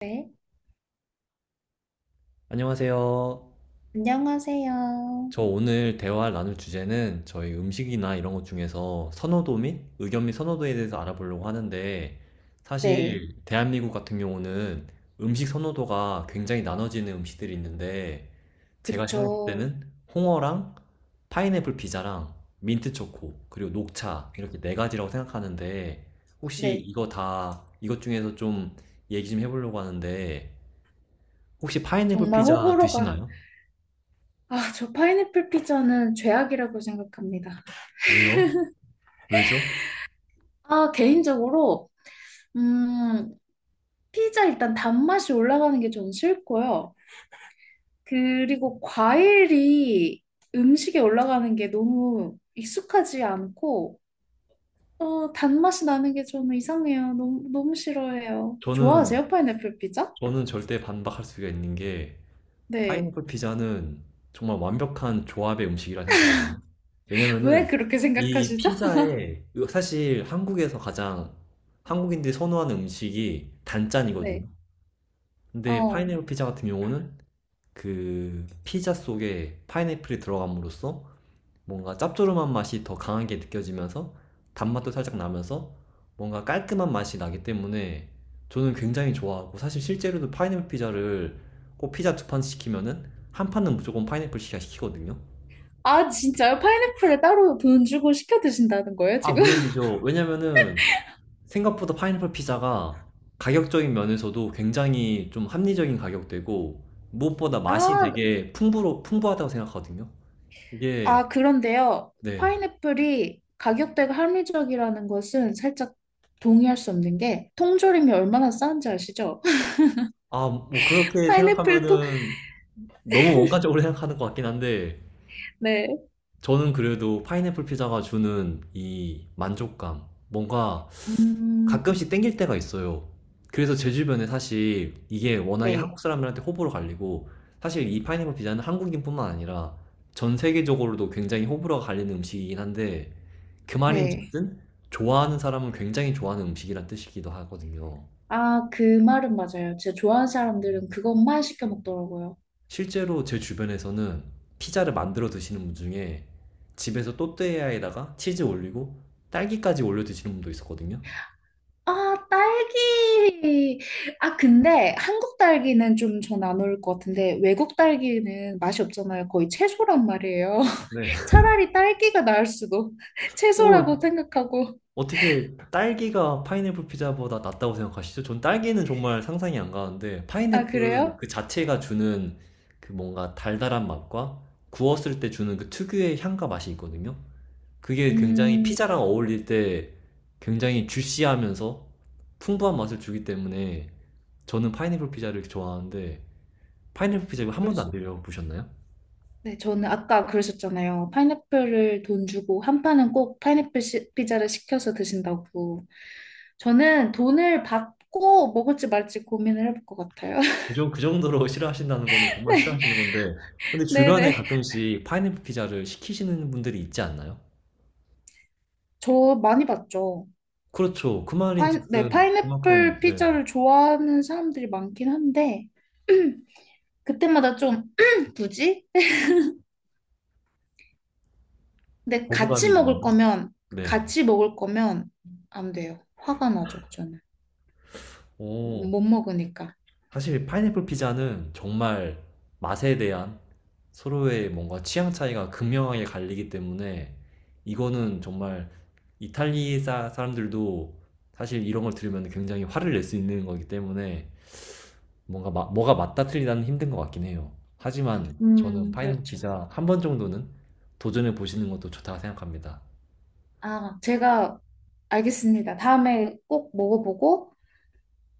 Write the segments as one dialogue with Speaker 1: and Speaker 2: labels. Speaker 1: 네,
Speaker 2: 안녕하세요.
Speaker 1: 안녕하세요.
Speaker 2: 저 오늘 대화 나눌 주제는 저희 음식이나 이런 것 중에서 선호도 및 의견 및 선호도에 대해서 알아보려고 하는데
Speaker 1: 네,
Speaker 2: 사실 대한민국 같은 경우는 음식 선호도가 굉장히 나눠지는 음식들이 있는데 제가 생각할
Speaker 1: 그쵸.
Speaker 2: 때는 홍어랑 파인애플 피자랑 민트 초코 그리고 녹차 이렇게 네 가지라고 생각하는데 혹시
Speaker 1: 네,
Speaker 2: 이거 다 이것 중에서 좀 얘기 좀 해보려고 하는데 혹시 파인애플
Speaker 1: 정말
Speaker 2: 피자
Speaker 1: 호불호가.
Speaker 2: 드시나요?
Speaker 1: 아, 저 파인애플 피자는 죄악이라고 생각합니다.
Speaker 2: 왜요? 왜죠?
Speaker 1: 아, 개인적으로, 음, 피자 일단 단맛이 올라가는 게 좀 싫고요. 그리고 과일이 음식에 올라가는 게 너무 익숙하지 않고, 어, 단맛이 나는 게 저는 이상해요. 너무, 너무 싫어해요.
Speaker 2: 저는
Speaker 1: 좋아하세요, 파인애플 피자?
Speaker 2: 저는 절대 반박할 수가 있는 게
Speaker 1: 네.
Speaker 2: 파인애플 피자는 정말 완벽한 조합의 음식이라 생각하거든요.
Speaker 1: 왜
Speaker 2: 왜냐면은
Speaker 1: 그렇게
Speaker 2: 이
Speaker 1: 생각하시죠?
Speaker 2: 피자에 사실 한국에서 가장 한국인들이 선호하는 음식이 단짠이거든요.
Speaker 1: 네.
Speaker 2: 근데
Speaker 1: 어.
Speaker 2: 파인애플 피자 같은 경우는 그 피자 속에 파인애플이 들어감으로써 뭔가 짭조름한 맛이 더 강하게 느껴지면서 단맛도 살짝 나면서 뭔가 깔끔한 맛이 나기 때문에 저는 굉장히 좋아하고 사실 실제로도 파인애플 피자를 꼭 피자 두 판 시키면은 한 판은 무조건 파인애플 피자 시키거든요.
Speaker 1: 아, 진짜요? 파인애플을 따로 돈 주고 시켜 드신다는 거예요,
Speaker 2: 아,
Speaker 1: 지금?
Speaker 2: 물론이죠. 왜냐면은 생각보다 파인애플 피자가 가격적인 면에서도 굉장히 좀 합리적인 가격대고 무엇보다 맛이
Speaker 1: 아,
Speaker 2: 되게 풍부로, 풍부하다고 생각하거든요. 이게,
Speaker 1: 아, 그런데요.
Speaker 2: 네.
Speaker 1: 파인애플이 가격대가 합리적이라는 것은 살짝 동의할 수 없는 게 통조림이 얼마나 싼지 아시죠?
Speaker 2: 아, 뭐 그렇게
Speaker 1: 파인애플 통,
Speaker 2: 생각하면은 너무 원가적으로 생각하는 것 같긴 한데,
Speaker 1: 네.
Speaker 2: 저는 그래도 파인애플 피자가 주는 이 만족감, 뭔가
Speaker 1: 음,
Speaker 2: 가끔씩 땡길 때가 있어요. 그래서 제 주변에 사실 이게 워낙에
Speaker 1: 네.
Speaker 2: 한국 사람들한테 호불호 갈리고, 사실 이 파인애플 피자는 한국인뿐만 아니라 전 세계적으로도 굉장히 호불호가 갈리는 음식이긴 한데, 그
Speaker 1: 네.
Speaker 2: 말인즉슨 좋아하는 사람은 굉장히 좋아하는 음식이란 뜻이기도 하거든요.
Speaker 1: 아, 그 말은 맞아요. 제가 좋아하는 사람들은 그것만 시켜 먹더라고요.
Speaker 2: 실제로 제 주변에서는 피자를 만들어 드시는 분 중에 집에서 또띠아에다가 치즈 올리고 딸기까지 올려 드시는 분도 있었거든요.
Speaker 1: 아, 딸기. 아, 근데 한국 딸기는 좀 전 안 어울릴 것 같은데 외국 딸기는 맛이 없잖아요. 거의 채소란 말이에요.
Speaker 2: 네.
Speaker 1: 차라리 딸기가 나을 수도.
Speaker 2: 어,
Speaker 1: 채소라고 생각하고.
Speaker 2: 어떻게 딸기가 파인애플 피자보다 낫다고 생각하시죠? 전 딸기는 정말 상상이 안 가는데
Speaker 1: 아,
Speaker 2: 파인애플은
Speaker 1: 그래요?
Speaker 2: 그 자체가 주는 그 뭔가 달달한 맛과 구웠을 때 주는 그 특유의 향과 맛이 있거든요. 그게 굉장히
Speaker 1: 음,
Speaker 2: 피자랑 어울릴 때 굉장히 주시하면서 풍부한 맛을 주기 때문에 저는 파인애플 피자를 좋아하는데 파인애플 피자 이거 한 번도 안
Speaker 1: 그러죠.
Speaker 2: 드셔보셨나요?
Speaker 1: 네, 저는 아까 그러셨잖아요. 파인애플을 돈 주고 한 판은 꼭 피자를 시켜서 드신다고. 저는 돈을 받고 먹을지 말지 고민을 해볼 것 같아요.
Speaker 2: 그, 정- 그 정도로 싫어하신다는 거는 정말 싫어하시는 건데 근데 주변에
Speaker 1: 네네.
Speaker 2: 가끔씩 파인애플 피자를 시키시는 분들이 있지 않나요?
Speaker 1: 저 많이 봤죠.
Speaker 2: 그렇죠. 그 말인
Speaker 1: 파인, 네,
Speaker 2: 즉슨 그만큼
Speaker 1: 파인애플
Speaker 2: 네,
Speaker 1: 피자를 좋아하는 사람들이 많긴 한데, 그때마다 좀, 굳이? 근데 같이
Speaker 2: 거부감이 드나요?
Speaker 1: 먹을 거면,
Speaker 2: 네.
Speaker 1: 같이 먹을 거면 안 돼요. 화가 나죠, 저는.
Speaker 2: 오,
Speaker 1: 못 먹으니까.
Speaker 2: 사실 파인애플 피자는 정말 맛에 대한 서로의 뭔가 취향 차이가 극명하게 갈리기 때문에 이거는 정말 이탈리 아 사람들도 사실 이런 걸 들으면 굉장히 화를 낼 수 있는 거기 때문에 뭔가 마- 뭐가 맞다 틀리다는 힘든 것 같긴 해요. 하지만 저는 파인애플
Speaker 1: 그렇죠.
Speaker 2: 피자 한 번 정도는 도전해 보시는 것도 좋다고 생각합니다.
Speaker 1: 아, 제가 알겠습니다. 다음에 꼭 먹어보고,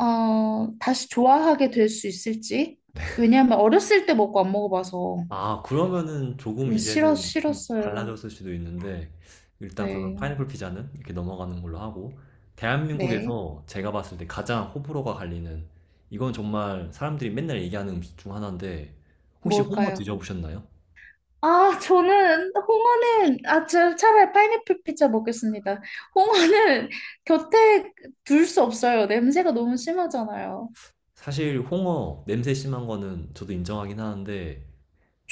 Speaker 1: 어, 다시 좋아하게 될 수 있을지. 왜냐하면 어렸을 때 먹고 안 먹어봐서
Speaker 2: 아, 그러면은 조금 이제는 좀
Speaker 1: 싫었어요.
Speaker 2: 달라졌을 수도 있는데, 일단 그러면
Speaker 1: 네,
Speaker 2: 파인애플 피자는 이렇게 넘어가는 걸로 하고,
Speaker 1: 네.
Speaker 2: 대한민국에서 제가 봤을 때 가장 호불호가 갈리는, 이건 정말 사람들이 맨날 얘기하는 음식 중 하나인데, 혹시 홍어
Speaker 1: 뭘까요?
Speaker 2: 드셔보셨나요?
Speaker 1: 아, 저는 저 차라리 파인애플 피자 먹겠습니다. 홍어는 곁에 둘 수 없어요. 냄새가 너무 심하잖아요.
Speaker 2: 사실 홍어 냄새 심한 거는 저도 인정하긴 하는데,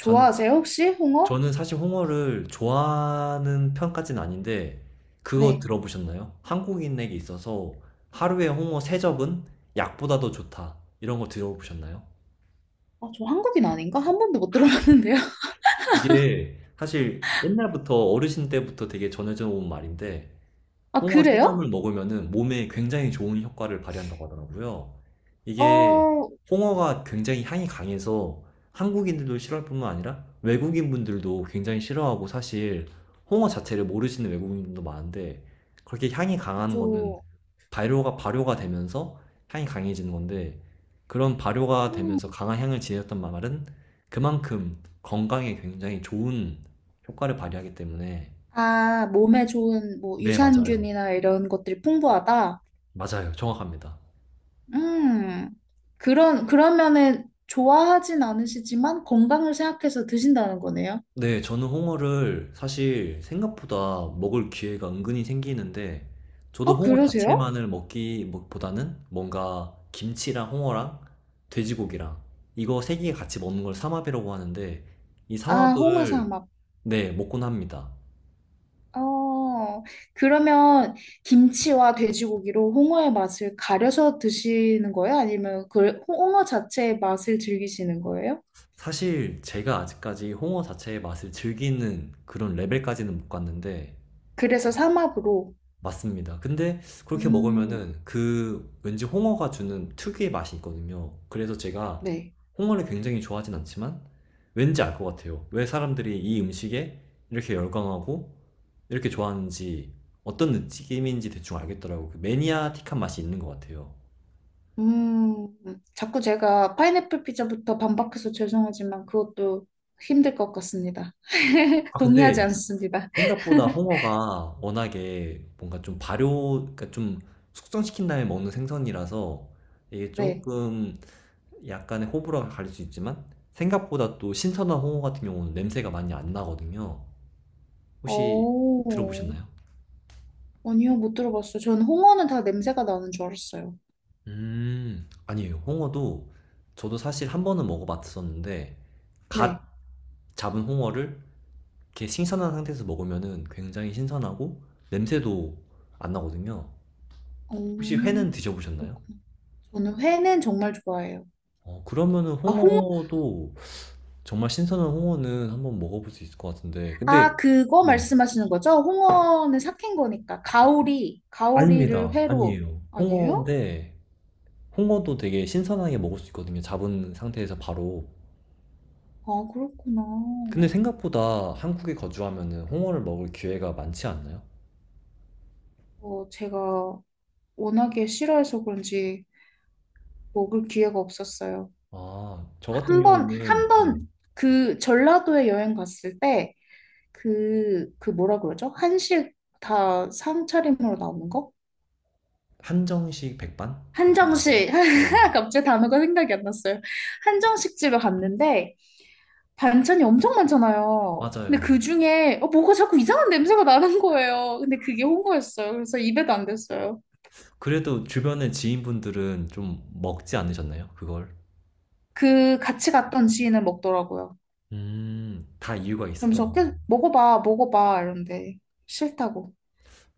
Speaker 2: 저는
Speaker 1: 혹시 홍어?
Speaker 2: 저는 사실 홍어를 좋아하는 편까지는 아닌데, 그거
Speaker 1: 네.
Speaker 2: 들어보셨나요? 한국인에게 있어서 하루에 홍어 세접은 약보다 더 좋다. 이런 거 들어보셨나요?
Speaker 1: 아, 저 한국인 아닌가? 한 번도 못 들어봤는데요.
Speaker 2: 이게 사실 옛날부터 어르신 때부터 되게 전해져 온 말인데,
Speaker 1: 아,
Speaker 2: 홍어 세점을
Speaker 1: 그래요?
Speaker 2: 먹으면은 몸에 굉장히 좋은 효과를 발휘한다고 하더라고요. 이게
Speaker 1: 어,
Speaker 2: 홍어가 굉장히 향이 강해서 한국인들도 싫어할 뿐만 아니라 외국인분들도 굉장히 싫어하고 사실 홍어 자체를 모르시는 외국인분도 많은데 그렇게 향이 강한 거는
Speaker 1: 저
Speaker 2: 발효가 되면서 향이 강해지는 건데 그런 발효가
Speaker 1: 음.
Speaker 2: 되면서 강한 향을 지녔던 말은 그만큼 건강에 굉장히 좋은 효과를 발휘하기 때문에
Speaker 1: 아, 몸에 좋은 뭐
Speaker 2: 네, 맞아요.
Speaker 1: 유산균이나 이런 것들이 풍부하다.
Speaker 2: 맞아요. 정확합니다.
Speaker 1: 음. 그런 그러면은 좋아하진 않으시지만 건강을 생각해서 드신다는 거네요.
Speaker 2: 네, 저는 홍어를 사실 생각보다 먹을 기회가 은근히 생기는데, 저도
Speaker 1: 어,
Speaker 2: 홍어
Speaker 1: 그러세요?
Speaker 2: 자체만을 먹기 뭐- 보다는 뭔가 김치랑 홍어랑 돼지고기랑 이거 세 개 같이 먹는 걸 삼합이라고 하는데, 이
Speaker 1: 아, 홍어
Speaker 2: 삼합을
Speaker 1: 삼합.
Speaker 2: 네, 먹곤 합니다.
Speaker 1: 어, 그러면 김치와 돼지고기로 홍어의 맛을 가려서 드시는 거예요? 아니면 그 홍어 자체의 맛을 즐기시는 거예요?
Speaker 2: 사실 제가 아직까지 홍어 자체의 맛을 즐기는 그런 레벨까지는 못 갔는데,
Speaker 1: 그래서 삼합으로.
Speaker 2: 맞습니다. 근데 그렇게
Speaker 1: 음,
Speaker 2: 먹으면은 그 왠지 홍어가 주는 특유의 맛이 있거든요. 그래서 제가
Speaker 1: 네.
Speaker 2: 홍어를 굉장히 좋아하진 않지만 왠지 알 것 같아요. 왜 사람들이 이 음식에 이렇게 열광하고 이렇게 좋아하는지 어떤 느낌인지 대충 알겠더라고요. 그 매니아틱한 맛이 있는 것 같아요.
Speaker 1: 음, 자꾸 제가 파인애플 피자부터 반박해서 죄송하지만 그것도 힘들 것 같습니다.
Speaker 2: 아,
Speaker 1: 동의하지
Speaker 2: 근데
Speaker 1: 않습니다.
Speaker 2: 생각보다 홍어가 워낙에 뭔가 좀 발효, 그러니까 좀 숙성시킨 다음에 먹는 생선이라서 이게
Speaker 1: 네.
Speaker 2: 조금 약간의 호불호가 갈릴 수 있지만 생각보다 또 신선한 홍어 같은 경우는 냄새가 많이 안 나거든요. 혹시
Speaker 1: 오,
Speaker 2: 들어보셨나요?
Speaker 1: 아니요, 못 들어봤어요. 저는 홍어는 다 냄새가 나는 줄 알았어요.
Speaker 2: 아니에요. 홍어도 저도 사실 한 번은 먹어봤었는데
Speaker 1: 네.
Speaker 2: 갓 잡은 홍어를 이렇게 신선한 상태에서 먹으면은 굉장히 신선하고 냄새도 안 나거든요. 혹시
Speaker 1: 오,
Speaker 2: 회는 드셔보셨나요?
Speaker 1: 그렇구나. 저는 회는 정말 좋아해요.
Speaker 2: 어, 그러면은
Speaker 1: 아, 홍,
Speaker 2: 홍어도 정말 신선한 홍어는 한번 먹어볼 수 있을 것 같은데 근데
Speaker 1: 아, 그거
Speaker 2: 네.
Speaker 1: 말씀하시는 거죠? 홍어는 삭힌 거니까. 가오리, 가오리를
Speaker 2: 아닙니다.
Speaker 1: 회로.
Speaker 2: 아니에요.
Speaker 1: 아니에요?
Speaker 2: 홍어인데 홍어도 되게 신선하게 먹을 수 있거든요. 잡은 상태에서 바로.
Speaker 1: 아, 그렇구나.
Speaker 2: 근데 생각보다 한국에 거주하면은 홍어를 먹을 기회가 많지 않나요?
Speaker 1: 어, 제가 워낙에 싫어해서 그런지 먹을 기회가 없었어요.
Speaker 2: 아, 저 같은
Speaker 1: 한 번, 한
Speaker 2: 경우는 네.
Speaker 1: 번, 그 전라도에 여행 갔을 때, 그 뭐라 그러죠? 한식 다 상차림으로 나오는 거?
Speaker 2: 한정식 백반 같은 건가요?
Speaker 1: 한정식.
Speaker 2: 네네.
Speaker 1: 갑자기 단어가 생각이 안 났어요. 한정식 집에 갔는데, 반찬이 엄청 많잖아요. 근데
Speaker 2: 맞아요.
Speaker 1: 그 중에 어, 뭐가 자꾸 이상한 냄새가 나는 거예요. 근데 그게 홍어였어요. 그래서 입에도 안 댔어요.
Speaker 2: 그래도 주변의 지인분들은 좀 먹지 않으셨나요? 그걸?
Speaker 1: 그 같이 갔던 지인은 먹더라고요.
Speaker 2: 다 이유가 있었던
Speaker 1: 그러면서
Speaker 2: 겁니다.
Speaker 1: 계속 먹어봐, 먹어봐 이러는데 싫다고.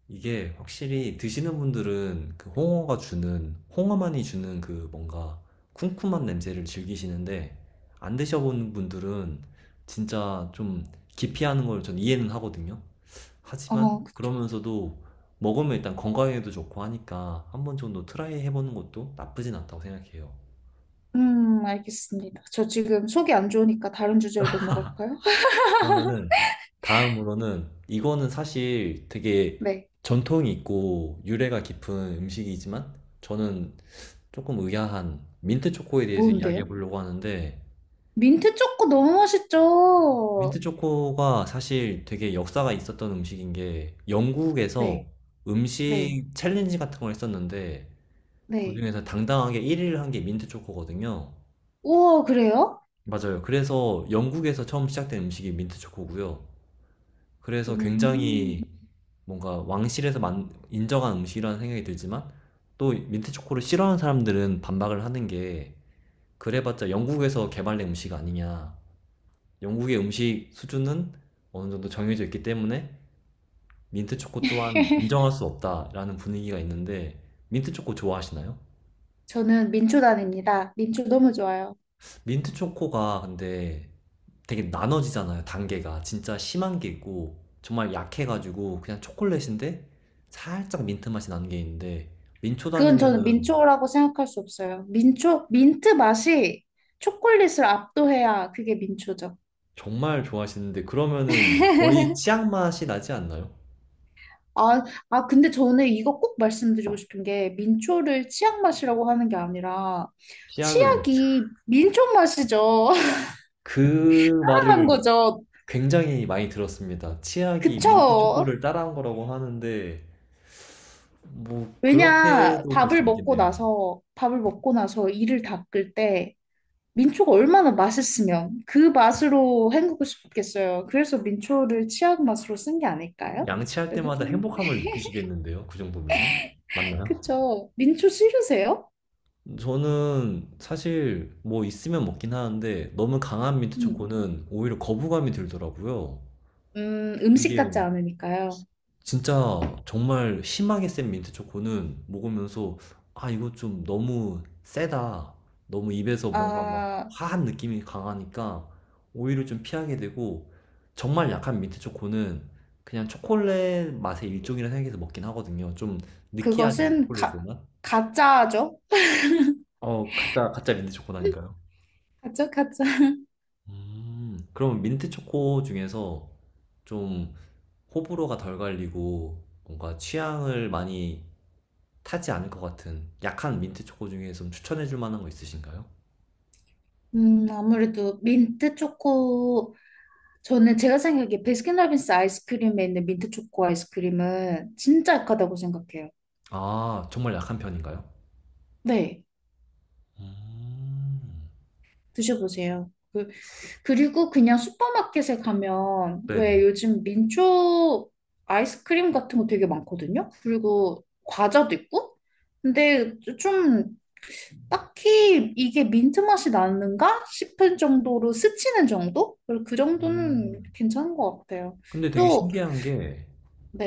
Speaker 2: 이게 확실히 드시는 분들은 그 홍어가 주는, 홍어만이 주는 그 뭔가 쿰쿰한 냄새를 즐기시는데, 안 드셔본 분들은 진짜 좀 기피하는 걸 전 이해는 하거든요. 하지만
Speaker 1: 어, 그쵸.
Speaker 2: 그러면서도 먹으면 일단 건강에도 좋고 하니까 한 번 정도 트라이 해보는 것도 나쁘진 않다고 생각해요.
Speaker 1: 알겠습니다. 저 지금 속이 안 좋으니까 다른 주제로 넘어갈까요?
Speaker 2: 그러면은 다음으로는 이거는 사실 되게
Speaker 1: 네.
Speaker 2: 전통이 있고 유래가 깊은 음식이지만 저는 조금 의아한 민트 초코에 대해서 이야기해
Speaker 1: 뭔데요?
Speaker 2: 보려고 하는데
Speaker 1: 민트 초코 너무
Speaker 2: 민트
Speaker 1: 맛있죠?
Speaker 2: 초코가 사실 되게 역사가 있었던 음식인 게 영국에서
Speaker 1: 네, 네,
Speaker 2: 음식 챌린지 같은 걸 했었는데
Speaker 1: 네.
Speaker 2: 그중에서 당당하게 1위를 한게 민트 초코거든요.
Speaker 1: 우와, 그래요?
Speaker 2: 맞아요. 그래서 영국에서 처음 시작된 음식이 민트 초코고요. 그래서
Speaker 1: 음.
Speaker 2: 굉장히 뭔가 왕실에서 만- 인정한 음식이라는 생각이 들지만 또 민트 초코를 싫어하는 사람들은 반박을 하는 게 그래봤자 영국에서 개발된 음식 아니냐. 영국의 음식 수준은 어느 정도 정해져 있기 때문에 민트 초코 또한 인정할 수 없다라는 분위기가 있는데 민트 초코 좋아하시나요?
Speaker 1: 저는 민초단입니다. 민초 너무 좋아요.
Speaker 2: 민트 초코가 근데 되게 나눠지잖아요, 단계가. 진짜 심한 게 있고 정말 약해가지고 그냥 초콜릿인데 살짝 민트 맛이 나는 게 있는데 민초
Speaker 1: 그건 저는
Speaker 2: 다니면은
Speaker 1: 민초라고 생각할 수 없어요. 민초, 민트 맛이 초콜릿을 압도해야 그게 민초죠.
Speaker 2: 정말 좋아하시는데 그러면은 거의 치약 맛이 나지 않나요?
Speaker 1: 아, 아, 근데 저는 이거 꼭 말씀드리고 싶은 게 민초를 치약 맛이라고 하는 게 아니라
Speaker 2: 치약을
Speaker 1: 치약이 민초 맛이죠.
Speaker 2: 그
Speaker 1: 한
Speaker 2: 말을
Speaker 1: 거죠.
Speaker 2: 굉장히 많이 들었습니다. 치약이 민트
Speaker 1: 그쵸?
Speaker 2: 초코를 따라한 거라고 하는데 뭐
Speaker 1: 왜냐,
Speaker 2: 그렇게도 볼 수 있겠네요.
Speaker 1: 밥을 먹고 나서 이를 닦을 때 민초가 얼마나 맛있으면 그 맛으로 헹구고 싶겠어요. 그래서 민초를 치약 맛으로 쓴 게 아닐까요?
Speaker 2: 양치할
Speaker 1: 이렇게
Speaker 2: 때마다
Speaker 1: 좀,
Speaker 2: 행복함을 느끼시겠는데요. 그 정도면은. 맞나요?
Speaker 1: 그쵸. 민초 싫으세요?
Speaker 2: 저는 사실 뭐 있으면 먹긴 하는데 너무 강한 민트
Speaker 1: 음,
Speaker 2: 초코는 오히려 거부감이 들더라고요.
Speaker 1: 음식
Speaker 2: 이게
Speaker 1: 같지 않으니까요.
Speaker 2: 진짜 정말 심하게 센 민트 초코는 먹으면서 아 이거 좀 너무 세다. 너무 입에서 뭔가 막
Speaker 1: 아,
Speaker 2: 화한 느낌이 강하니까 오히려 좀 피하게 되고 정말 약한 민트 초코는 그냥 초콜릿 맛의 일종이라 생각해서 먹긴 하거든요. 좀 느끼하지 않아요?
Speaker 1: 그것은
Speaker 2: 초콜릿의
Speaker 1: 가,
Speaker 2: 맛?
Speaker 1: 가짜죠?
Speaker 2: 어, 가짜 가짜 민트 초코라니까요.
Speaker 1: 가짜, 가짜.
Speaker 2: 그럼 민트 초코 중에서 좀 호불호가 덜 갈리고 뭔가 취향을 많이 타지 않을 것 같은 약한 민트 초코 중에 좀 추천해 줄 만한 거 있으신가요?
Speaker 1: 아무래도 민트 초코, 저는 제가 생각하기에 베스킨라빈스 아이스크림에 있는 민트 초코 아이스크림은 진짜 약하다고 생각해요.
Speaker 2: 아, 정말 약한 편인가요?
Speaker 1: 네,
Speaker 2: 음.
Speaker 1: 드셔보세요. 그 그리고 그냥 슈퍼마켓에 가면 왜
Speaker 2: 네네.
Speaker 1: 요즘 민초 아이스크림 같은 거 되게 많거든요? 그리고 과자도 있고? 근데 좀 딱히 이게 민트 맛이 나는가 싶은 정도로 스치는 정도? 그리고 그 정도는
Speaker 2: 음.
Speaker 1: 괜찮은 것 같아요.
Speaker 2: 근데 되게
Speaker 1: 또,
Speaker 2: 신기한 게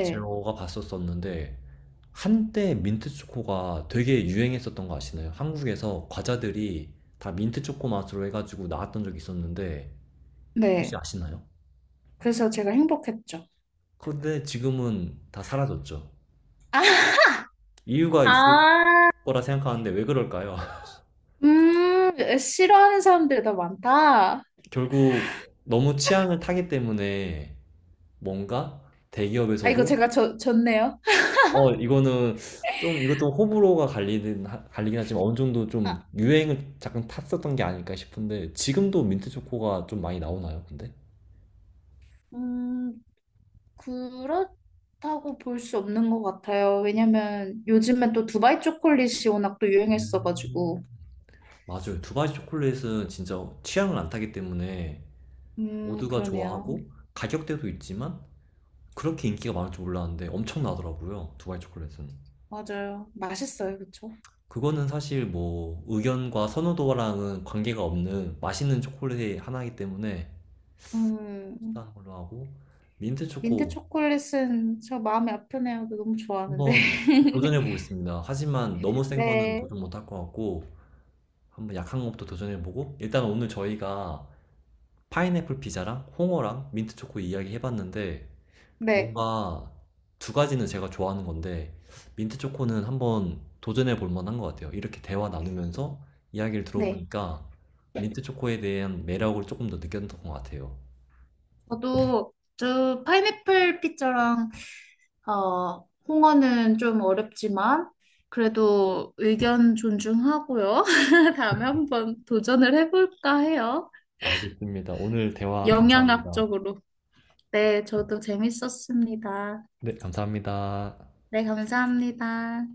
Speaker 2: 제가 봤었었는데 한때 민트 초코가 되게 유행했었던 거 아시나요? 한국에서 과자들이 다 민트 초코 맛으로 해가지고 나왔던 적이 있었는데 혹시
Speaker 1: 네.
Speaker 2: 아시나요?
Speaker 1: 그래서 제가 행복했죠.
Speaker 2: 근데 지금은 다 사라졌죠. 이유가
Speaker 1: 아,
Speaker 2: 있을 거라 생각하는데 왜 그럴까요?
Speaker 1: 음, 싫어하는 사람들이 더 많다.
Speaker 2: 결국 너무 취향을 타기 때문에 뭔가
Speaker 1: 아, 이거
Speaker 2: 대기업에서도
Speaker 1: 제가 졌네요.
Speaker 2: 어 이거는 좀 이것도 호불호가 갈리는 하- 갈리긴 하지만 어느 정도 좀
Speaker 1: 아,
Speaker 2: 유행을 잠깐 탔었던 게 아닐까 싶은데 지금도 민트 초코가 좀 많이 나오나요, 근데?
Speaker 1: 음. 그렇다고 볼 수 없는 것 같아요. 왜냐면 요즘엔 또 두바이 초콜릿이 워낙 또 유행했어가지고.
Speaker 2: 맞아요. 두바이 초콜릿은 진짜 취향을 안 타기 때문에 모두가
Speaker 1: 그러네요.
Speaker 2: 좋아하고 가격대도 있지만 그렇게 인기가 많을 줄 몰랐는데 엄청나더라고요. 두바이 초콜릿은.
Speaker 1: 맞아요. 맛있어요. 그쵸?
Speaker 2: 그거는 사실 뭐 의견과 선호도랑은 관계가 없는 맛있는 초콜릿의 하나이기 때문에 수
Speaker 1: 음,
Speaker 2: 싼 걸로 하고 민트
Speaker 1: 민트
Speaker 2: 초코
Speaker 1: 초콜릿은 저 마음이 아프네요. 너무 좋아하는데.
Speaker 2: 한번 도전해 보겠습니다. 하지만 너무 센 거는
Speaker 1: 네,
Speaker 2: 도전 못 할 것 같고 한번 약한 것부터 도전해 보고 일단 오늘 저희가 파인애플 피자랑 홍어랑 민트 초코 이야기 해봤는데
Speaker 1: 네,
Speaker 2: 뭔가 두 가지는 제가 좋아하는 건데 민트 초코는 한번 도전해 볼 만한 것 같아요. 이렇게 대화 나누면서 이야기를
Speaker 1: 네.
Speaker 2: 들어보니까 민트 초코에 대한 매력을 조금 더 느꼈던 것 같아요.
Speaker 1: 저도 저 파인애플 피자랑 어, 홍어는 좀 어렵지만 그래도 의견 존중하고요. 다음에 한번 도전을 해볼까 해요.
Speaker 2: 알겠습니다. 오늘 대화
Speaker 1: 영양학
Speaker 2: 감사합니다.
Speaker 1: 적으로. 네, 저도 재밌었습니다.
Speaker 2: 네, 감사합니다.
Speaker 1: 네, 감사합니다.